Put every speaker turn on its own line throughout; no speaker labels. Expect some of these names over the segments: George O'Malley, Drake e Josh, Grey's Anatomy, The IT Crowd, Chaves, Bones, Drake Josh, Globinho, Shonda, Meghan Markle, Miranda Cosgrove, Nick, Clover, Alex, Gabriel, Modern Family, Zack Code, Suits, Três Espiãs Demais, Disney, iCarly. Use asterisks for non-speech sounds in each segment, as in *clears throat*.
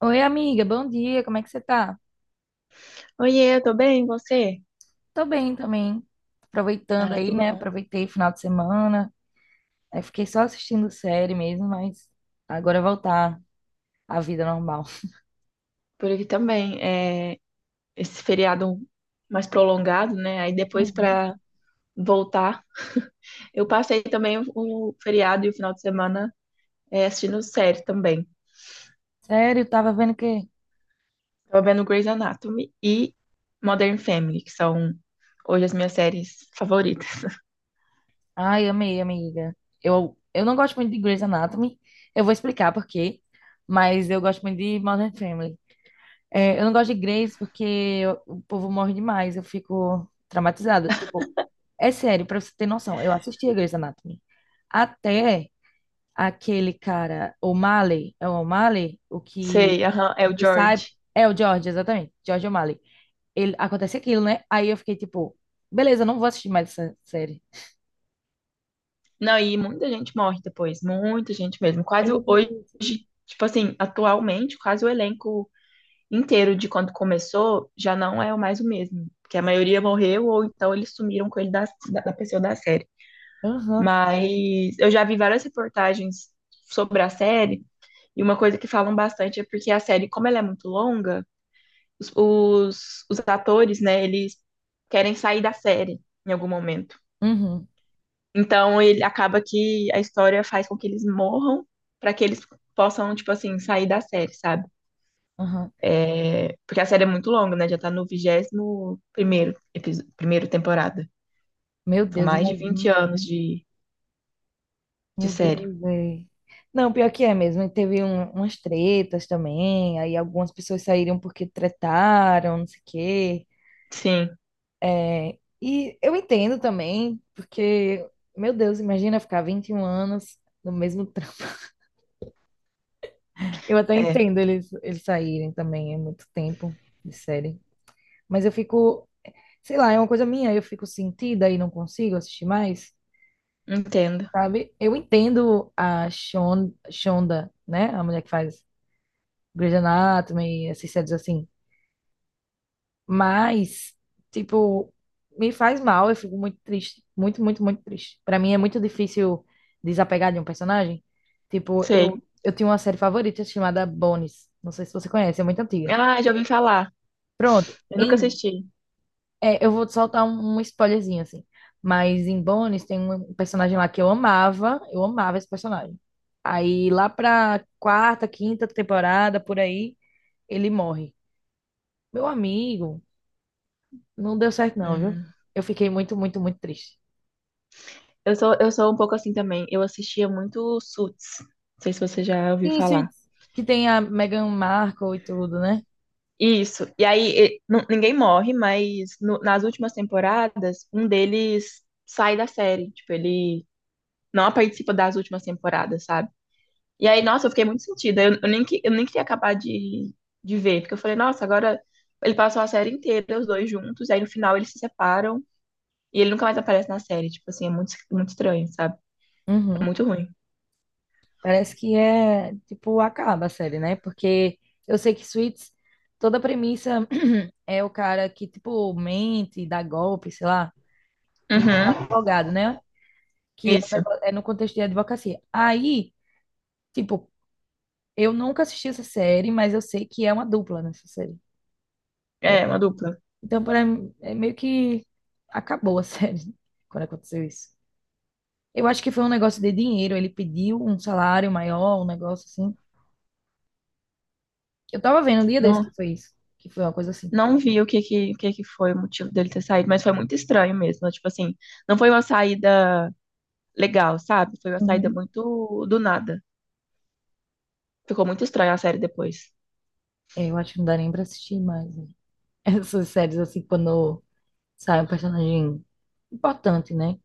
Oi, amiga, bom dia, como é que você tá?
Oiê, eu tô bem, e você?
Tô bem também, aproveitando
Ai, que
aí, né?
bom.
Aproveitei o final de semana, aí fiquei só assistindo série mesmo, mas agora voltar à vida normal.
Por aqui também. É, esse feriado mais prolongado, né? Aí depois
Uhum.
pra voltar, eu passei também o feriado e o final de semana assistindo série também.
Sério, tava vendo que.
Tava vendo Grey's Anatomy e Modern Family, que são hoje as minhas séries favoritas.
Ai, amei, amiga. Eu não gosto muito de Grey's Anatomy, eu vou explicar por quê, mas eu gosto muito de Modern Family. É, eu não gosto de Grey's porque eu- o povo morre demais, eu fico traumatizada. Tipo, é sério, pra você ter noção, eu assisti a Grey's Anatomy. Até aquele cara, O'Malley, é o O'Malley, o
*laughs*
que
Sei, aham, é o
ele sai,
George.
é o George, exatamente, George O'Malley. Ele, acontece aquilo, né? Aí eu fiquei tipo, beleza, não vou assistir mais essa série.
Não, e muita gente morre depois, muita gente mesmo. Quase hoje,
Exatamente.
tipo assim, atualmente, quase o elenco inteiro de quando começou, já não é mais o mesmo. Porque a maioria morreu ou então eles sumiram com ele da pessoa da série.
Aham,
Mas eu já vi várias reportagens sobre a série e uma coisa que falam bastante é porque a série, como ela é muito longa, os atores, né, eles querem sair da série em algum momento.
uhum,
Então ele acaba que a história faz com que eles morram para que eles possam, tipo assim, sair da série, sabe?
aham.
Porque a série é muito longa, né? Já tá no vigésimo primeiro episódio, primeiro temporada.
Meu
São
Deus,
mais de 20
imagina.
anos de
Meu Deus,
série.
é. Não, pior que é mesmo. E teve um- umas tretas também, aí algumas pessoas saíram porque tretaram, não sei o quê.
Sim,
É, e eu entendo também, porque, meu Deus, imagina ficar 21 anos no mesmo trampo. *laughs* Eu até
é.
entendo eles, eles saírem também, é muito tempo de série. Mas eu fico, sei lá, é uma coisa minha, eu fico sentida e não consigo assistir mais,
Entendo.
sabe? Eu entendo a Shon, Shonda, né? A mulher que faz Grey's Anatomy, essas séries assim. Mas, tipo, me faz mal, eu fico muito triste. Muito, muito, muito triste. Pra mim é muito difícil desapegar de um personagem. Tipo,
Sei.
eu tinha uma série favorita chamada Bones. Não sei se você conhece, é muito antiga.
Ah, já ouvi falar.
Pronto.
Eu nunca
Em,
assisti.
é, eu vou soltar um, um spoilerzinho, assim. Mas em Bones tem um personagem lá que eu amava. Eu amava esse personagem. Aí lá pra quarta, quinta temporada, por aí, ele morre. Meu amigo. Não deu certo, não, viu?
Hum.
Eu fiquei muito, muito, muito triste.
Eu sou um pouco assim também. Eu assistia muito Suits. Não sei se você já ouviu
Sim,
falar.
Suits, que tem a Meghan Markle e tudo, né?
Isso. E aí, e- nu- ninguém morre, mas no- nas últimas temporadas, um deles sai da série. Tipo, ele não participa das últimas temporadas, sabe? E aí, nossa, eu fiquei muito sentida. Eu nem, que- eu nem queria acabar de ver, porque eu falei, nossa, agora ele passou a série inteira, os dois juntos, e aí no final eles se separam e ele nunca mais aparece na série. Tipo assim, é muito, muito estranho, sabe? É
Uhum.
muito ruim.
Parece que é, tipo, acaba a série, né? Porque eu sei que Suits, toda a premissa *clears throat* é o cara que, tipo, mente, dá golpe, sei lá, e o
Uhum,
advogado, né? Que é um
isso.
negó- é no contexto de advocacia. Aí, tipo, eu nunca assisti essa série, mas eu sei que é uma dupla nessa série.
É, uma dupla.
Então, para mim, é meio que acabou a *laughs* série quando aconteceu isso. Eu acho que foi um negócio de dinheiro. Ele pediu um salário maior, um negócio assim. Eu tava vendo um dia desse
Não,
que foi isso. Que foi uma coisa assim.
não vi o que que foi o motivo dele ter saído, mas foi muito estranho mesmo. Tipo assim, não foi uma saída legal, sabe? Foi uma saída
Uhum.
muito do nada. Ficou muito estranha a série depois.
É, eu acho que não dá nem pra assistir mais, né? *laughs* Essas séries assim, quando sai um personagem importante, né?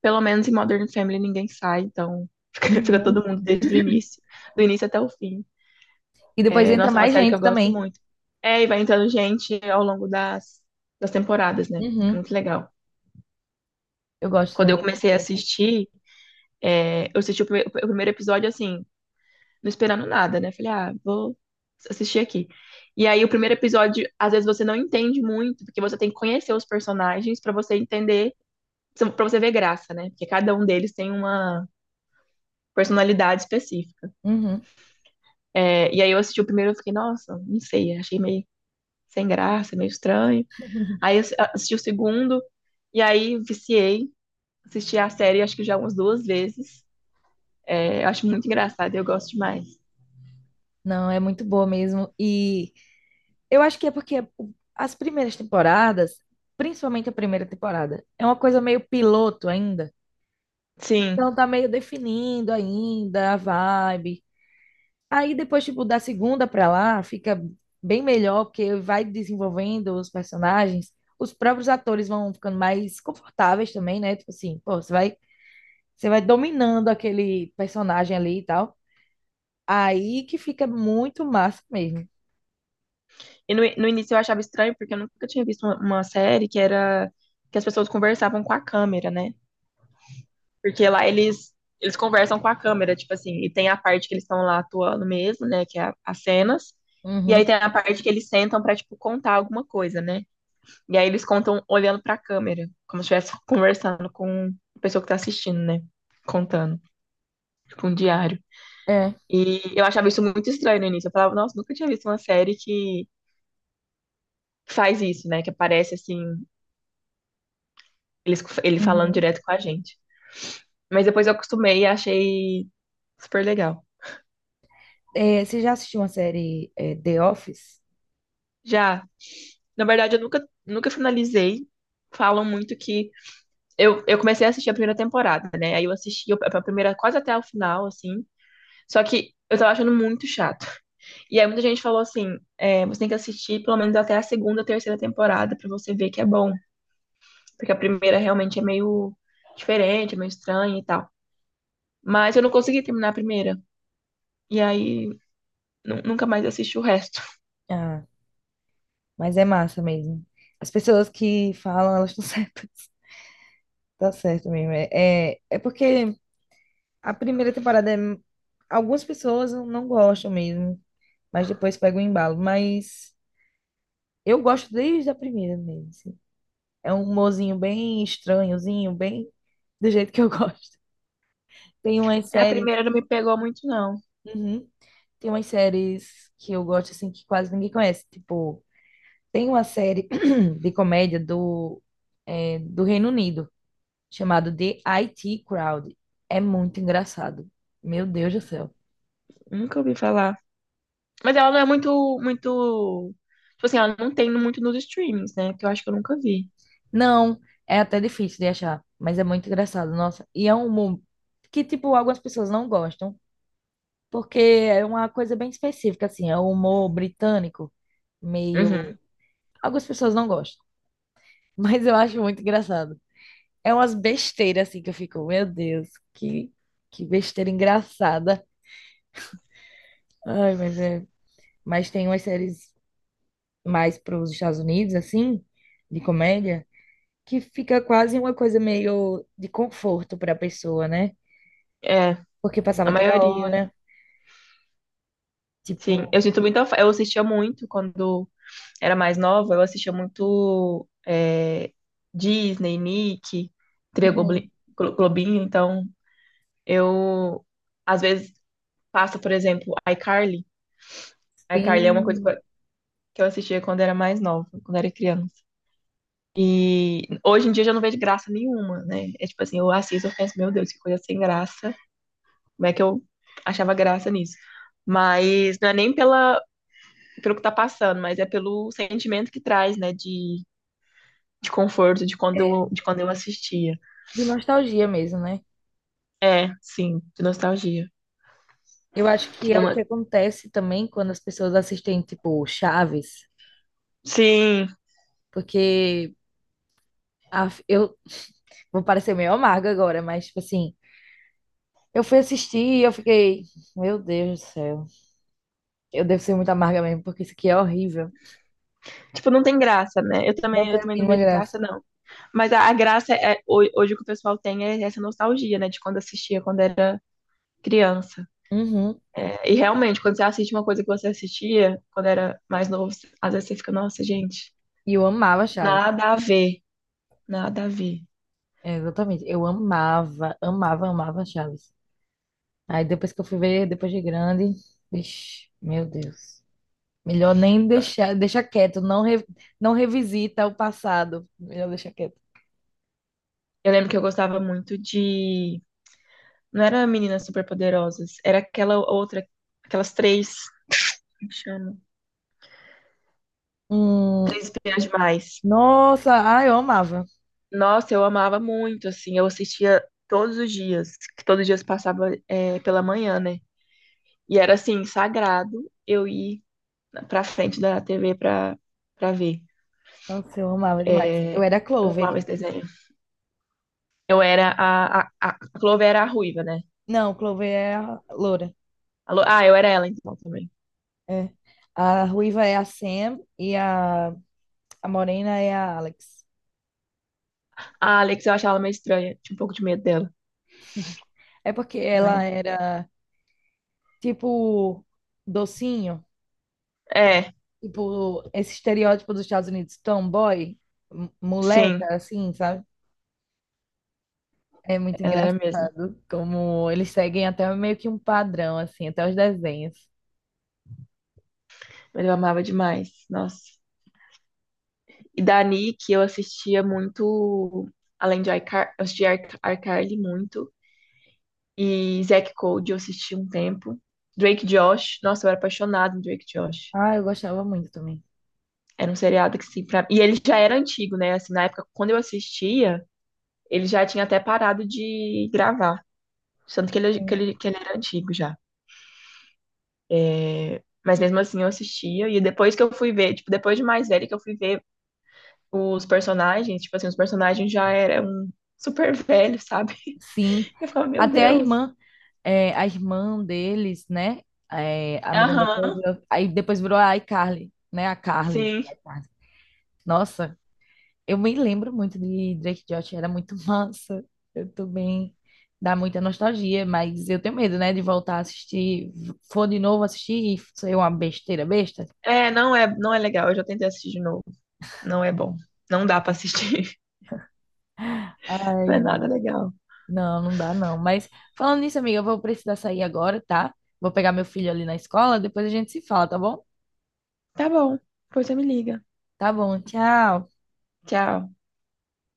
Pelo menos em Modern Family ninguém sai, então *laughs* fica, fica todo
Uhum.
mundo desde o início, do início até o fim.
E depois
É,
entra
nossa, é uma
mais
série que
gente
eu gosto
também.
muito. É, e vai entrando gente ao longo das, das temporadas, né? É
Uhum.
muito legal.
Eu gosto
Quando eu
também.
comecei a
Engraçado.
assistir, eu assisti o, prime- o primeiro episódio assim, não esperando nada, né? Falei, ah, vou assistir aqui. E aí o primeiro episódio, às vezes você não entende muito, porque você tem que conhecer os personagens pra você entender, pra você ver graça, né? Porque cada um deles tem uma personalidade específica.
Uhum.
É, e aí eu assisti o primeiro e eu fiquei, nossa, não sei, achei meio sem graça, meio estranho. Aí
*laughs*
eu assisti o segundo, e aí viciei, assisti a série acho que já umas duas vezes. É, eu acho muito engraçado, eu gosto demais.
Não, é muito boa mesmo. E eu acho que é porque as primeiras temporadas, principalmente a primeira temporada, é uma coisa meio piloto ainda.
Sim,
Então tá meio definindo ainda a vibe. Aí depois, tipo, da segunda pra lá, fica bem melhor, porque vai desenvolvendo os personagens. Os próprios atores vão ficando mais confortáveis também, né? Tipo assim, pô, você vai dominando aquele personagem ali e tal. Aí que fica muito massa mesmo.
e no início eu achava estranho, porque eu nunca tinha visto uma série que era que as pessoas conversavam com a câmera, né? Porque lá eles conversam com a câmera, tipo assim, e tem a parte que eles estão lá atuando mesmo, né? Que é a- as cenas. E aí
Uhum.
tem a parte que eles sentam pra, tipo, contar alguma coisa, né? E aí eles contam olhando pra câmera, como se estivesse conversando com a pessoa que tá assistindo, né? Contando, tipo um diário.
É.
E eu achava isso muito estranho no início. Eu falava, nossa, nunca tinha visto uma série que faz isso, né? Que aparece assim, eles, ele falando
Uhum.
direto com a gente. Mas depois eu acostumei e achei super legal.
É, você já assistiu uma série, é, The Office?
Já, na verdade, eu nunca finalizei. Falam muito que. Eu comecei a assistir a primeira temporada, né? Aí eu assisti a primeira quase até o final, assim. Só que eu tava achando muito chato. E aí muita gente falou assim, é, você tem que assistir pelo menos até a segunda, terceira temporada pra você ver que é bom, porque a primeira realmente é meio diferente, é meio estranha e tal. Mas eu não consegui terminar a primeira. E aí, nu- nunca mais assisti o resto. *laughs*
Ah, mas é massa mesmo. As pessoas que falam, elas estão *laughs* certas. Tá certo mesmo. É porque a primeira temporada é... Algumas pessoas não gostam mesmo, mas depois pega o embalo. Mas eu gosto desde a primeira mesmo. Assim. É um humorzinho bem estranhozinho, bem do jeito que eu *laughs* gosto. Tem umas
É, a
séries.
primeira não me pegou muito, não.
Uhum. Tem umas séries que eu gosto assim que quase ninguém conhece. Tipo, tem uma série *clears throat* de comédia do, é, do Reino Unido chamado The IT Crowd. É muito engraçado. Meu Deus do céu.
Nunca ouvi falar. Mas ela não é muito, muito. Tipo assim, ela não tem muito nos streamings, né? Que eu acho que eu nunca vi.
Não, é até difícil de achar, mas é muito engraçado, nossa. E é um humor que, tipo, algumas pessoas não gostam, porque é uma coisa bem específica, assim, é um humor britânico, meio...
Uhum.
Algumas pessoas não gostam, *laughs* mas eu acho muito engraçado. É umas besteiras, assim, que eu fico, meu Deus, que besteira engraçada. Ai, mas é... Mas tem umas séries mais para os Estados Unidos, assim, de comédia, que fica quase uma coisa meio de conforto para a pessoa, né?
É,
Porque
a
passava toda
maioria.
hora,
Sim.
tipo,
Eu sinto muita. Fa- Eu assistia muito quando era mais nova, eu assistia muito Disney, Nick, Tria
uhum,
Globli- Glo- Globinho, então eu às vezes passo, por exemplo, iCarly. iCarly é uma coisa
bem,
que eu assistia quando era mais nova, quando era criança. E hoje em dia eu já não vejo graça nenhuma, né? É tipo assim, eu assisto, eu penso, meu Deus, que coisa sem graça. Como é que eu achava graça nisso? Mas não é nem pela, pelo que tá passando, mas é pelo sentimento que traz, né? De conforto de quando
é,
eu, de quando eu assistia.
de nostalgia mesmo, né?
É, sim, de nostalgia.
Eu acho que
Tinha
é o que
uma.
acontece também quando as pessoas assistem, tipo, Chaves,
Sim,
porque a- eu vou parecer meio amarga agora, mas, tipo assim, eu fui assistir e eu fiquei, meu Deus do céu, eu devo ser muito amarga mesmo, porque isso aqui é horrível,
tipo, não tem graça, né? Eu
não
também,
tem
eu
a
também não
mínima
vejo
graça.
graça, não. Mas a graça é ho- hoje o que o pessoal tem é essa nostalgia, né? De quando assistia, quando era criança.
Uhum.
É, e realmente, quando você assiste uma coisa que você assistia quando era mais novo, às vezes você fica, nossa, gente,
E eu amava Chaves.
nada a ver, nada a ver.
É, exatamente, eu amava, amava, amava Chaves. Aí depois que eu fui ver, depois de grande, vixi, meu Deus. Melhor nem deixar, deixa quieto, não, re- não revisita o passado. Melhor deixar quieto.
Eu lembro que eu gostava muito de. Não era Meninas Superpoderosas, era aquela outra, aquelas três, como chama?
Hum,
Três Espiãs Demais.
nossa, ah, eu amava.
Nossa, eu amava muito, assim, eu assistia todos os dias, que todos os dias passava pela manhã, né? E era, assim, sagrado eu ir pra frente da TV pra, pra ver.
Nossa, eu amava demais. Eu
É
era a
Eu
Clover.
amava esse desenho. Eu era a... A, a a Clover era a ruiva, né?
Não, Clover é a loura.
A Lo- ah, eu era ela, então, também.
É. A ruiva é a Sam e a morena é a Alex.
A Alex eu achava ela meio estranha, tinha um pouco de medo dela,
É porque ela
mas...
era tipo docinho.
É,
Tipo, esse estereótipo dos Estados Unidos, tomboy, m-
sim,
moleca, assim, sabe? É muito
ela era mesmo.
engraçado como eles seguem até meio que um padrão, assim, até os desenhos.
Mas eu amava demais, nossa. E da Nick, eu assistia muito, além de iCar, eu assistia Ar- iCarly muito. E Zack Code eu assisti um tempo. Drake Josh, nossa, eu era apaixonada em Drake Josh.
Ah, eu gostava muito também.
Era um seriado que sim, pra... E ele já era antigo, né? Assim, na época, quando eu assistia, ele já tinha até parado de gravar. Tanto que ele, que
Sim.
ele, que ele era antigo já. É, mas mesmo assim eu assistia. E depois que eu fui ver, tipo, depois de mais velho que eu fui ver os personagens, tipo assim, os personagens já eram super velhos, sabe?
Sim.
*laughs* Eu ficava, meu
Até a
Deus.
irmã, é, a irmã deles, né? É, a Miranda
Aham,
Cosgrove, aí depois virou a iCarly, né? A Carly.
sim.
iCarly. Nossa, eu me lembro muito de Drake e Josh, era muito *laughs* massa. Eu tô bem, dá muita nostalgia, mas eu tenho medo, né, de voltar a assistir, for de novo assistir e ser uma besteira besta.
É, não é legal. Eu já tentei assistir de novo. Não é bom. Não dá pra assistir. *laughs* Não é
Ai,
nada legal.
não, não dá não. Mas falando nisso, amiga, eu vou precisar sair agora, tá? Vou pegar meu filho ali na escola, depois a gente se fala, tá bom?
Tá bom. Pois você me liga.
Tá bom, tchau.
Tchau.